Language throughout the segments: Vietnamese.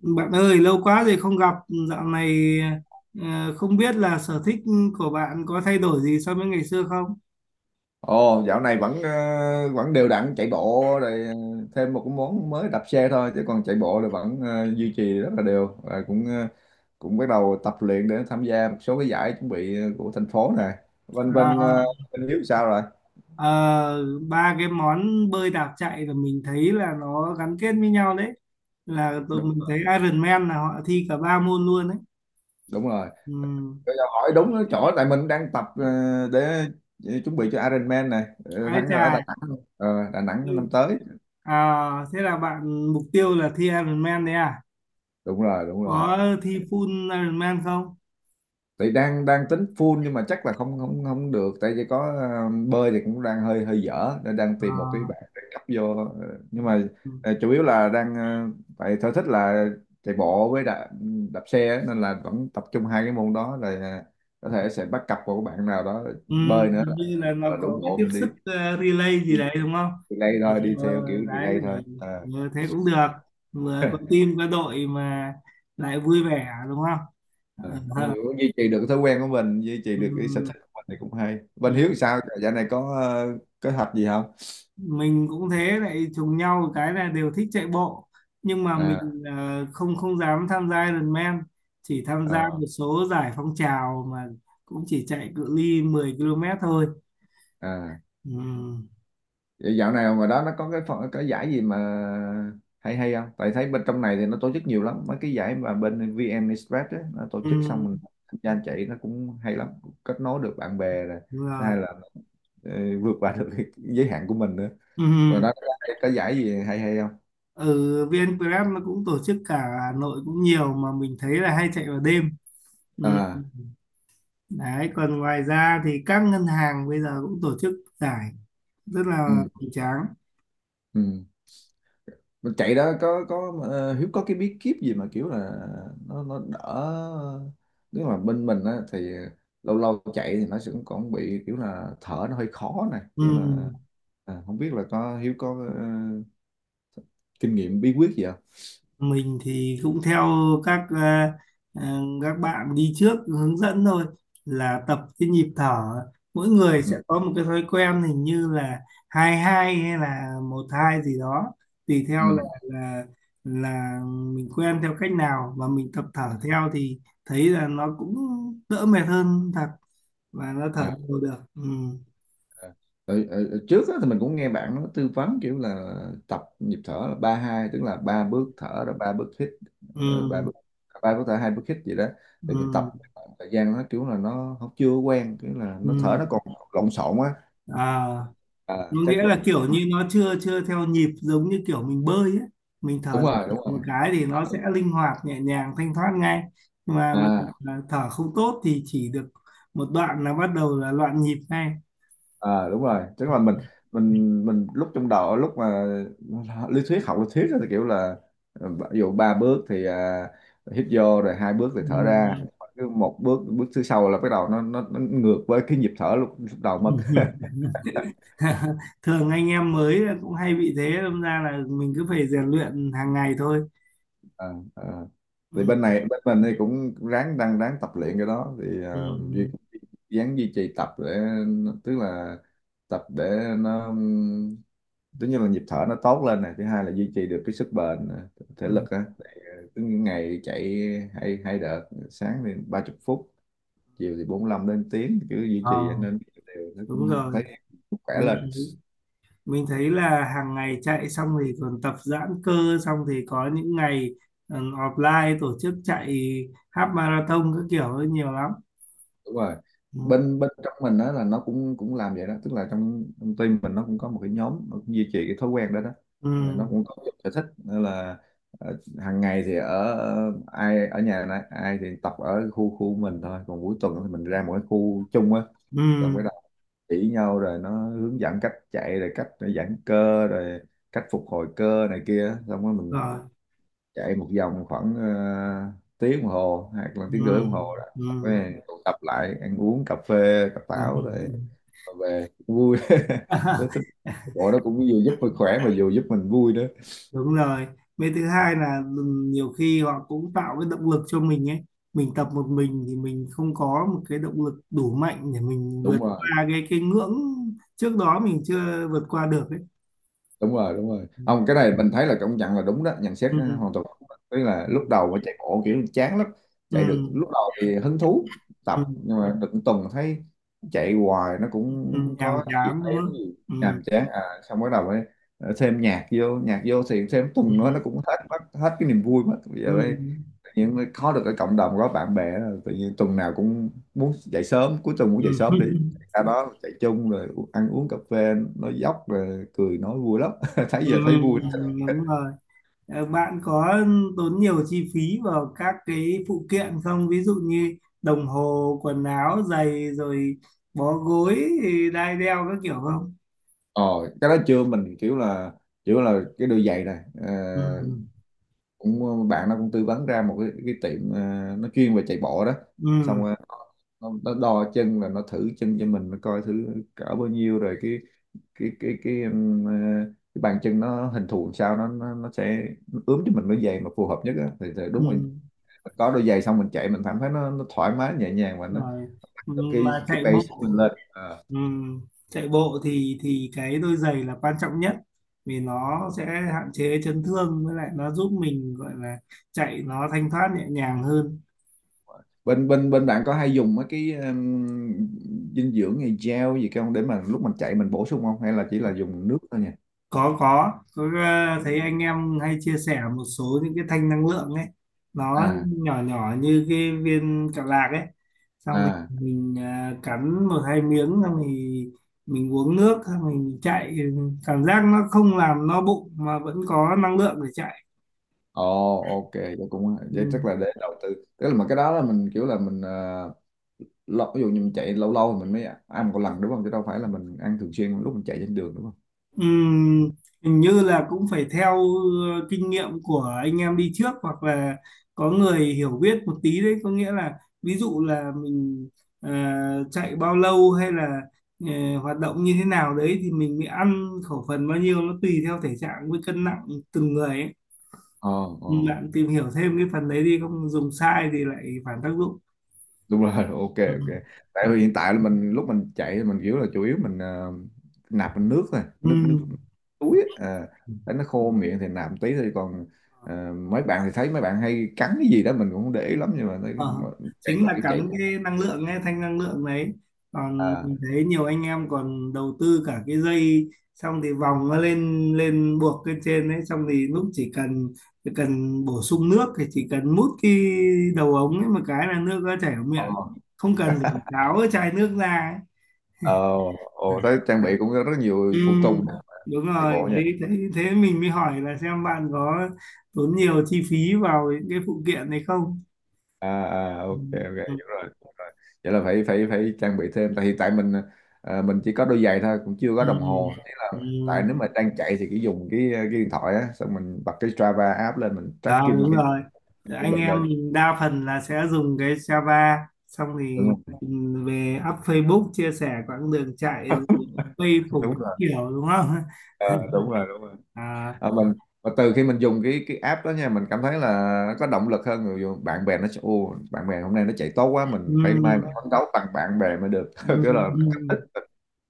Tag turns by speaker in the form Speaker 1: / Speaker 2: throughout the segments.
Speaker 1: Bạn ơi, lâu quá rồi không gặp, dạo này không biết là sở thích của bạn có thay đổi gì so với ngày xưa không?
Speaker 2: Ồ, dạo này vẫn vẫn đều đặn chạy bộ rồi, thêm một cái món mới đạp xe thôi, chứ còn chạy bộ là vẫn duy trì rất là đều, và cũng cũng bắt đầu tập luyện để tham gia một số cái giải chuẩn bị của thành phố này. Bên bên
Speaker 1: À,
Speaker 2: ờ, Bên Hiếu sao rồi?
Speaker 1: ờ, ba cái món bơi đạp chạy là mình thấy là nó gắn kết với nhau đấy. Là tụi
Speaker 2: Đúng,
Speaker 1: mình thấy Ironman là họ thi cả ba môn luôn đấy.
Speaker 2: đúng rồi.
Speaker 1: Ừ.
Speaker 2: Bây giờ hỏi đúng cái chỗ tại mình đang tập, để chuẩn bị cho Ironman này,
Speaker 1: Ái
Speaker 2: tháng
Speaker 1: chà.
Speaker 2: ở Đà Nẵng. Ờ, Đà Nẵng
Speaker 1: Ừ.
Speaker 2: năm tới.
Speaker 1: À, thế là bạn mục tiêu là thi Ironman đấy à?
Speaker 2: Đúng rồi, đúng rồi.
Speaker 1: Có thi full Ironman không?
Speaker 2: Thì đang đang tính full, nhưng mà chắc là không không không được, tại vì có bơi thì cũng đang hơi hơi dở, nên đang tìm một cái
Speaker 1: À.
Speaker 2: bạn để cấp vô. Ờ,
Speaker 1: Ừ.
Speaker 2: nhưng mà
Speaker 1: Ừ.
Speaker 2: chủ yếu là đang tại sở thích là chạy bộ với đạp, đạp xe á, nên là vẫn tập trung hai cái môn đó rồi. Ờ, có thể sẽ bắt cặp một bạn nào đó
Speaker 1: Ừ,
Speaker 2: bơi nữa,
Speaker 1: hình
Speaker 2: là,
Speaker 1: như là
Speaker 2: là
Speaker 1: nó
Speaker 2: đủ
Speaker 1: có cái
Speaker 2: bộ.
Speaker 1: tiếp
Speaker 2: Mình
Speaker 1: sức
Speaker 2: đi,
Speaker 1: relay
Speaker 2: đi
Speaker 1: gì đấy đúng không?
Speaker 2: relay
Speaker 1: Ừ,
Speaker 2: thôi, đi theo kiểu
Speaker 1: Đấy
Speaker 2: relay
Speaker 1: để,
Speaker 2: thôi. Ờ.
Speaker 1: thế cũng được, vừa có team có đội mà lại vui vẻ đúng không?
Speaker 2: À, đúng
Speaker 1: Ờ,
Speaker 2: rồi, cũng duy trì được cái thói quen của mình, duy trì
Speaker 1: ừ,
Speaker 2: được cái sở thích của mình thì cũng hay. Bên Hiếu
Speaker 1: ừ.
Speaker 2: sao dạo này có kế hoạch gì không?
Speaker 1: Mình cũng thế, lại trùng nhau một cái là đều thích chạy bộ nhưng mà
Speaker 2: À,
Speaker 1: mình không không dám tham gia Ironman, chỉ tham
Speaker 2: ờ,
Speaker 1: gia một số giải phong trào mà cũng chỉ chạy cự ly 10 km thôi.
Speaker 2: à.
Speaker 1: Ừ,
Speaker 2: Vậy dạo này ngoài đó nó có cái phần cái giải gì mà hay hay không, tại thấy bên trong này thì nó tổ chức nhiều lắm mấy cái giải mà bên VN Express ấy, nó tổ chức xong
Speaker 1: ừ,
Speaker 2: mình tham gia chạy nó cũng hay lắm, kết nối được bạn bè rồi.
Speaker 1: đúng
Speaker 2: Thứ
Speaker 1: rồi.
Speaker 2: hai là ờ, vượt qua được cái giới hạn của mình nữa.
Speaker 1: Ừ.
Speaker 2: Và đó có giải gì hay hay không?
Speaker 1: Ừ. VN Grab nó cũng tổ chức cả Hà Nội cũng nhiều mà mình thấy là hay chạy vào đêm. Ừ.
Speaker 2: À,
Speaker 1: Đấy, còn ngoài ra thì các ngân hàng bây giờ cũng tổ chức giải rất là
Speaker 2: ừ,
Speaker 1: hoành tráng.
Speaker 2: ừ. Mình chạy đó có Hiếu có cái bí kíp gì mà kiểu là nó đỡ, nếu mà bên mình á thì lâu lâu chạy thì nó sẽ còn bị kiểu là thở nó hơi khó này,
Speaker 1: Ừ.
Speaker 2: kiểu là. À, không biết là có Hiếu có kinh nghiệm bí quyết gì không?
Speaker 1: Mình thì cũng theo các à, các bạn đi trước hướng dẫn thôi, là tập cái nhịp thở. Mỗi người
Speaker 2: Ừ.
Speaker 1: sẽ có một cái thói quen hình như là hai hai hay là một hai gì đó, tùy theo là
Speaker 2: Ừ.
Speaker 1: là là mình quen theo cách nào, và mình tập thở theo thì thấy là nó cũng đỡ mệt hơn thật, và nó thở
Speaker 2: À.
Speaker 1: đều được. Ừ.
Speaker 2: Ờ, ở trước á, thì mình cũng nghe bạn nó tư vấn kiểu là tập nhịp thở là ba hai, tức là ba bước thở rồi ba bước hít. ờ, ba
Speaker 1: Ừ.
Speaker 2: bước ba bước thở, hai bước hít gì đó. Thì mình tập
Speaker 1: Ừ.
Speaker 2: một thời gian, nó kiểu là nó không chưa quen, kiểu là nó thở
Speaker 1: Ừ.
Speaker 2: nó còn lộn xộn á.
Speaker 1: À,
Speaker 2: À, chắc
Speaker 1: nghĩa là
Speaker 2: quên.
Speaker 1: kiểu như nó chưa chưa theo nhịp, giống như kiểu mình bơi ấy, mình
Speaker 2: Đúng
Speaker 1: thở
Speaker 2: rồi, đúng
Speaker 1: một
Speaker 2: rồi,
Speaker 1: cái thì
Speaker 2: đúng
Speaker 1: nó sẽ
Speaker 2: rồi.
Speaker 1: linh hoạt nhẹ nhàng thanh thoát ngay. Mà mình
Speaker 2: À
Speaker 1: thở không tốt thì chỉ được một đoạn là bắt đầu là loạn nhịp ngay.
Speaker 2: à đúng rồi, tức là mình lúc trong đầu, lúc mà lý thuyết, học lý thuyết á, thì kiểu là ví dụ ba bước thì à, hít vô, rồi hai bước thì thở ra.
Speaker 1: Ừm.
Speaker 2: Cứ một bước, bước thứ sau là bắt đầu nó ngược với cái nhịp thở lúc, lúc đầu mất.
Speaker 1: Thường anh em mới là cũng hay bị thế, đâm ra là mình cứ phải rèn luyện hàng ngày thôi.
Speaker 2: À, à. Thì
Speaker 1: Ừm,
Speaker 2: bên này bên mình thì cũng ráng, đang ráng tập luyện cái đó thì à, duy,
Speaker 1: ừm,
Speaker 2: ráng duy trì tập để, tức là tập để nó, tất nhiên là nhịp thở nó tốt lên này, thứ hai là duy trì được cái sức bền thể
Speaker 1: ừm.
Speaker 2: lực á. Ờ, cứ ngày chạy hai hai đợt, sáng thì 30 phút, chiều thì 45 đến tiếng, cứ duy
Speaker 1: Ờ,
Speaker 2: trì nên đều nó cũng
Speaker 1: đúng
Speaker 2: thấy
Speaker 1: rồi.
Speaker 2: khỏe
Speaker 1: mình
Speaker 2: lên.
Speaker 1: mình thấy là hàng ngày chạy xong thì còn tập giãn cơ, xong thì có những ngày ừ, offline tổ chức chạy half marathon các kiểu ấy nhiều lắm.
Speaker 2: Đúng rồi,
Speaker 1: Ừ,
Speaker 2: bên bên trong mình đó là nó cũng cũng làm vậy đó, tức là trong trong team mình nó cũng có một cái nhóm nó cũng duy trì cái thói quen đó đó. Ờ,
Speaker 1: ừ,
Speaker 2: nó cũng có cái sở thích nên là hàng ngày thì ở ở- ai ở nhà này, ai thì tập ở khu khu mình thôi, còn cuối tuần thì mình ra một cái khu chung á,
Speaker 1: ừ,
Speaker 2: rồi mới đầu chỉ nhau, rồi nó hướng dẫn cách chạy, rồi cách giãn cơ, rồi cách phục hồi cơ này kia, xong rồi mình
Speaker 1: rồi.
Speaker 2: chạy một vòng khoảng tiếng đồng hồ hoặc là
Speaker 1: Ừ,
Speaker 2: tiếng rưỡi đồng hồ đó.
Speaker 1: ừ,
Speaker 2: Xong rồi tụ tập lại ăn uống cà phê cà pháo,
Speaker 1: rồi.
Speaker 2: rồi rồi về vui tới tới bộ nó cũng vừa giúp mình khỏe mà vừa giúp mình vui nữa.
Speaker 1: Đúng rồi, với thứ hai là ừ, nhiều khi họ cũng tạo cái động lực cho mình ấy. Mình tập một mình thì mình không có một cái động lực đủ mạnh để mình vượt
Speaker 2: Đúng rồi,
Speaker 1: qua cái ngưỡng trước đó mình chưa vượt qua được ấy.
Speaker 2: đúng rồi, đúng rồi,
Speaker 1: Ừ.
Speaker 2: không cái này mình thấy là công nhận là đúng đó, nhận xét hoàn
Speaker 1: Ừ,
Speaker 2: toàn đúng đó. Tức là lúc
Speaker 1: ừ.
Speaker 2: đầu mà chạy bộ kiểu chán lắm, chạy được
Speaker 1: Ừ.
Speaker 2: lúc đầu thì hứng thú tập,
Speaker 1: Ừ.
Speaker 2: nhưng mà được một tuần thấy chạy hoài nó
Speaker 1: Ừ,
Speaker 2: cũng không
Speaker 1: nhàm
Speaker 2: có gì
Speaker 1: chán đúng
Speaker 2: hay lắm
Speaker 1: không?
Speaker 2: gì,
Speaker 1: Ừ.
Speaker 2: nhàm chán à. Xong bắt đầu mới thêm nhạc vô, nhạc vô thì thêm
Speaker 1: Ừ.
Speaker 2: tuần nữa nó cũng hết, mất hết cái niềm vui mất bây
Speaker 1: Ừ.
Speaker 2: giờ. Nhưng mà có được cái cộng đồng có bạn bè đó, tự nhiên tuần nào cũng muốn dậy sớm, cuối tuần muốn
Speaker 1: Ừ.
Speaker 2: dậy sớm đi ra đó chạy chung, rồi ăn uống cà phê nói dóc, rồi cười nói vui lắm thấy
Speaker 1: Ừ,
Speaker 2: giờ thấy vui.
Speaker 1: đúng rồi. Ờ, bạn có tốn nhiều chi phí vào các cái phụ kiện không, ví dụ như đồng hồ, quần áo, giày, rồi bó gối, đai đeo các kiểu không?
Speaker 2: Ờ, cái đó chưa, mình kiểu là cái đôi giày này ờ,
Speaker 1: Ừ.
Speaker 2: cũng bạn nó cũng tư vấn ra một cái tiệm nó chuyên về chạy bộ đó, xong
Speaker 1: Ừ.
Speaker 2: rồi nó đo chân, là nó thử chân cho mình, nó coi thử cỡ bao nhiêu rồi cái cái cái bàn chân nó hình thù làm sao, nó sẽ ướm cho mình đôi giày mà phù hợp nhất á thì
Speaker 1: Ừ.
Speaker 2: đúng rồi,
Speaker 1: Ừ,
Speaker 2: có đôi giày xong mình chạy mình cảm thấy nó thoải mái nhẹ nhàng, và nó
Speaker 1: rồi. Ừ, mà
Speaker 2: cái
Speaker 1: chạy bộ.
Speaker 2: pace của mình lên. Ờ.
Speaker 1: Ừm, chạy bộ thì cái đôi giày là quan trọng nhất, vì nó sẽ hạn chế chấn thương, với lại nó giúp mình gọi là chạy nó thanh thoát nhẹ nhàng hơn.
Speaker 2: bên bên bên bạn có hay dùng mấy cái dinh dưỡng như gel gì không, để mà lúc mình chạy mình bổ sung không, hay là chỉ là dùng nước thôi nhỉ?
Speaker 1: Có, thấy anh em hay chia sẻ một số những cái thanh năng lượng ấy, nó
Speaker 2: À
Speaker 1: nhỏ nhỏ như cái viên kẹo lạc ấy, xong
Speaker 2: à
Speaker 1: thì mình cắn một hai miếng, xong thì mình uống nước xong mình chạy, cảm giác nó không làm no bụng mà vẫn có năng lượng để chạy.
Speaker 2: ồ, ok, vậy cũng
Speaker 1: Ừ.
Speaker 2: vậy, chắc là để đầu tư. Tức là mà cái đó là mình kiểu là mình lâu, ví dụ như mình chạy lâu lâu thì mình mới ăn một lần đúng không, chứ đâu phải là mình ăn thường xuyên lúc mình chạy trên đường đúng không?
Speaker 1: Ừm, hình như là cũng phải theo kinh nghiệm của anh em đi trước, hoặc là có người hiểu biết một tí đấy, có nghĩa là, ví dụ là mình ờ, chạy bao lâu, hay là hoạt động như thế nào đấy thì mình mới ăn khẩu phần bao nhiêu, nó tùy theo thể trạng với cân nặng từng người ấy.
Speaker 2: Ờ, ờ,
Speaker 1: Bạn tìm hiểu thêm cái phần đấy đi, không dùng sai thì lại phản tác dụng.
Speaker 2: đúng rồi. Ok,
Speaker 1: Ừ,
Speaker 2: ok. Tại
Speaker 1: ừ, ừ.
Speaker 2: vì hiện tại là mình, lúc mình chạy thì mình kiểu là chủ yếu mình nạp bằng nước thôi, nước nước túi á. À, thấy nó khô miệng thì nạp một tí thôi, còn mấy bạn thì thấy mấy bạn hay cắn cái gì đó mình cũng không để ý lắm, nhưng mà thấy mà-
Speaker 1: Ờ,
Speaker 2: chạy
Speaker 1: chính
Speaker 2: mà
Speaker 1: là
Speaker 2: kiểu chạy.
Speaker 1: cắn cái năng lượng ấy, thanh năng lượng đấy. Còn
Speaker 2: À,
Speaker 1: mình thấy nhiều anh em còn đầu tư cả cái dây, xong thì vòng nó lên lên buộc lên trên đấy, xong thì lúc chỉ cần bổ sung nước thì chỉ cần mút cái đầu ống ấy một cái là nước nó chảy vào
Speaker 2: ờ,
Speaker 1: miệng, không cần phải tháo cái chai nước ra ấy.
Speaker 2: ờ, ồ, thấy trang bị cũng có rất
Speaker 1: Ừ,
Speaker 2: nhiều phụ tùng
Speaker 1: đúng
Speaker 2: chạy
Speaker 1: rồi
Speaker 2: bộ nha.
Speaker 1: đấy, thế mình mới hỏi là xem bạn có tốn nhiều chi phí vào những cái phụ kiện này không.
Speaker 2: À à
Speaker 1: Ừ,
Speaker 2: ok ok
Speaker 1: ừ,
Speaker 2: hiểu rồi, hiểu rồi, vậy là phải phải phải trang bị thêm, tại hiện tại mình à, mình chỉ có đôi giày thôi, cũng chưa có đồng hồ, thế là
Speaker 1: ừ.
Speaker 2: tại
Speaker 1: Ừ.
Speaker 2: nếu mà đang chạy thì cứ dùng cái à, cái điện thoại á, xong mình bật cái Strava app lên mình
Speaker 1: À,
Speaker 2: tracking
Speaker 1: đúng rồi.
Speaker 2: cái
Speaker 1: Anh
Speaker 2: bệnh
Speaker 1: em
Speaker 2: rồi
Speaker 1: mình đa phần là sẽ dùng cái Java xong thì
Speaker 2: đúng không?
Speaker 1: về up Facebook chia sẻ quãng đường chạy rồi quay phủng
Speaker 2: Đúng
Speaker 1: các
Speaker 2: rồi.
Speaker 1: kiểu đúng không?
Speaker 2: Ờ, đúng rồi, đúng rồi.
Speaker 1: À,
Speaker 2: Ờ, mình và từ khi mình dùng cái app đó nha, mình cảm thấy là nó có động lực hơn, người dùng bạn bè nó sẽ ô, bạn bè hôm nay nó chạy tốt quá, mình phải mai
Speaker 1: ừm,
Speaker 2: mình phấn đấu bằng bạn bè mới được. Kiểu là
Speaker 1: ừm.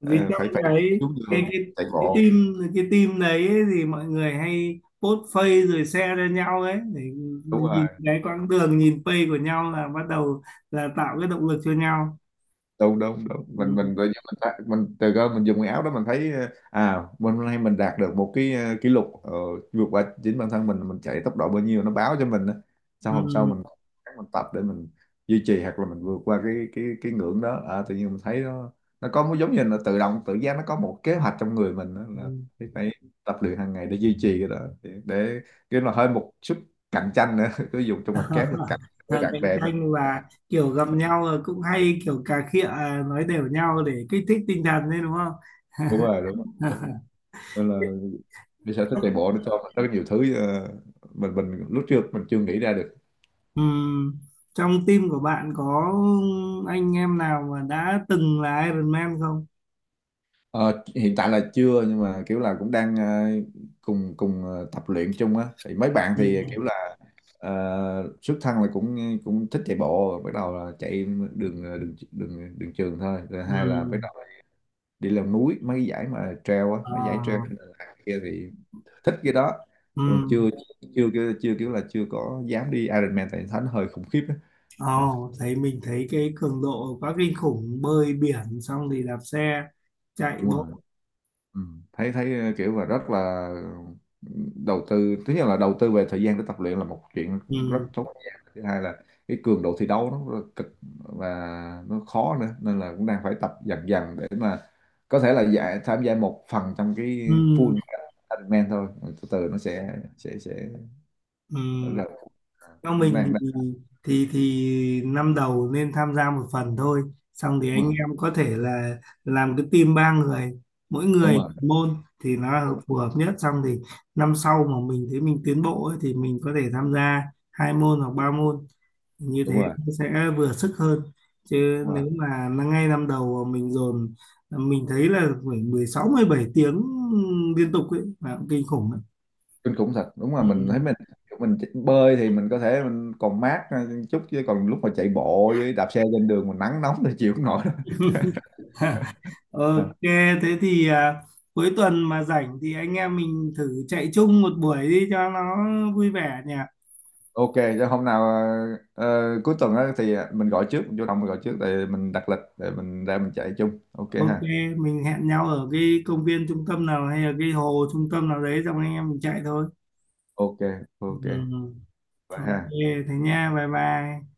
Speaker 2: ờ,
Speaker 1: Vì trong
Speaker 2: phải phải xuống đường
Speaker 1: cái cái
Speaker 2: chạy
Speaker 1: cái
Speaker 2: bộ.
Speaker 1: team cái team đấy ấy, thì mọi người hay post face rồi share cho nhau ấy, để
Speaker 2: Đúng
Speaker 1: nhìn
Speaker 2: rồi,
Speaker 1: cái quãng đường, nhìn face của nhau là bắt đầu là tạo cái động lực cho nhau.
Speaker 2: đúng đúng đúng,
Speaker 1: Ừm,
Speaker 2: mình tự nhiên mình thấy- mình từ cơ mình dùng cái áo đó mình thấy ờ, à mình hôm nay mình đạt được một cái kỷ lục vượt qua chính bản thân mình chạy tốc độ bao nhiêu nó báo cho mình á, sau hôm sau
Speaker 1: ừm,
Speaker 2: mình tập để mình duy trì hoặc là mình vượt qua cái cái ngưỡng đó. À, tự nhiên mình thấy nó có một giống như là tự động tự giác, nó có một kế hoạch trong người mình đó, là
Speaker 1: ừm.
Speaker 2: phải phải tập luyện hàng ngày để duy trì cái đó, để cái là hơi một chút cạnh tranh nữa. Cứ dùng trong mặt kép để cạnh với bạn
Speaker 1: Cạnh
Speaker 2: bè mình.
Speaker 1: tranh và kiểu gặp nhau là cũng hay kiểu cà khịa, nói đều nhau để kích thích tinh thần đấy đúng không?
Speaker 2: Đúng rồi, đúng rồi, đúng rồi. Nên là đi sở thích chạy bộ nó cho mình rất nhiều thứ mình lúc trước mình chưa nghĩ ra được.
Speaker 1: Ừm, trong team của bạn có anh em nào mà đã từng là Iron Man không?
Speaker 2: Ờ, hiện tại là chưa, nhưng mà kiểu là cũng đang cùng cùng tập luyện chung á, thì mấy bạn thì
Speaker 1: Ừm,
Speaker 2: kiểu là xuất thân là cũng cũng thích chạy bộ, bắt đầu là chạy đường đường trường thôi, rồi hai là bắt
Speaker 1: ừm,
Speaker 2: đầu đi leo núi mấy cái giải mà trail á,
Speaker 1: ờ,
Speaker 2: mấy giải trail kia thì thích cái đó. Còn
Speaker 1: ừm.
Speaker 2: chưa, chưa chưa, kiểu là chưa có dám đi Ironman tại thấy nó hơi khủng khiếp á.
Speaker 1: Ồ,
Speaker 2: Ừ,
Speaker 1: thấy mình thấy cái cường độ quá kinh khủng, bơi biển xong thì đạp xe chạy
Speaker 2: đúng
Speaker 1: bộ.
Speaker 2: rồi. Ừ. Thấy thấy kiểu là rất là đầu tư, thứ nhất là đầu tư về thời gian để tập luyện là một chuyện, rất
Speaker 1: Ừm,
Speaker 2: tốn thời gian. Thứ hai là cái cường độ thi đấu nó rất là cực, và nó khó nữa, nên là cũng đang phải tập dần dần để mà có thể là giải, tham gia một phần trong cái
Speaker 1: ừm,
Speaker 2: full Ironman thôi. Rồi từ từ nó sẽ sẽ
Speaker 1: ừm.
Speaker 2: là à,
Speaker 1: Theo mình
Speaker 2: đang,
Speaker 1: thì
Speaker 2: đang
Speaker 1: thì thì năm đầu nên tham gia một phần thôi, xong thì
Speaker 2: đúng
Speaker 1: anh
Speaker 2: rồi,
Speaker 1: em có thể là làm cái team ba người, mỗi
Speaker 2: đúng
Speaker 1: người
Speaker 2: rồi,
Speaker 1: môn thì nó là
Speaker 2: đúng,
Speaker 1: phù hợp nhất. Xong thì năm sau mà mình thấy mình tiến bộ ấy, thì mình có thể tham gia hai môn hoặc ba môn, như thế
Speaker 2: đúng rồi,
Speaker 1: nó sẽ vừa sức hơn. Chứ
Speaker 2: đúng rồi
Speaker 1: nếu mà nó ngay năm đầu mà mình dồn, mình thấy là phải 16-17 tiếng liên tục ấy là cũng kinh khủng đấy.
Speaker 2: kinh khủng thật. Đúng là mình thấy
Speaker 1: Ừ.
Speaker 2: mình chỉ- bơi thì mình có thể mình còn mát chút, chứ còn lúc mà chạy bộ với đạp xe trên đường mình nắng nóng thì chịu không nổi đâu. À,
Speaker 1: Ok, thế thì cuối tuần mà rảnh thì anh em mình thử chạy chung một buổi đi cho nó vui vẻ nhỉ.
Speaker 2: ok, cho hôm nào cuối tuần á thì à, mình gọi trước, mình vô đồng mình gọi trước để mình đặt lịch để mình ra mình chạy chung, ok
Speaker 1: Ok,
Speaker 2: ha.
Speaker 1: mình hẹn nhau ở cái công viên trung tâm nào hay là cái hồ trung tâm nào đấy xong anh em mình chạy thôi.
Speaker 2: Ok, ok,
Speaker 1: Ừ,
Speaker 2: bye
Speaker 1: ok,
Speaker 2: ha.
Speaker 1: thế nha, bye bye.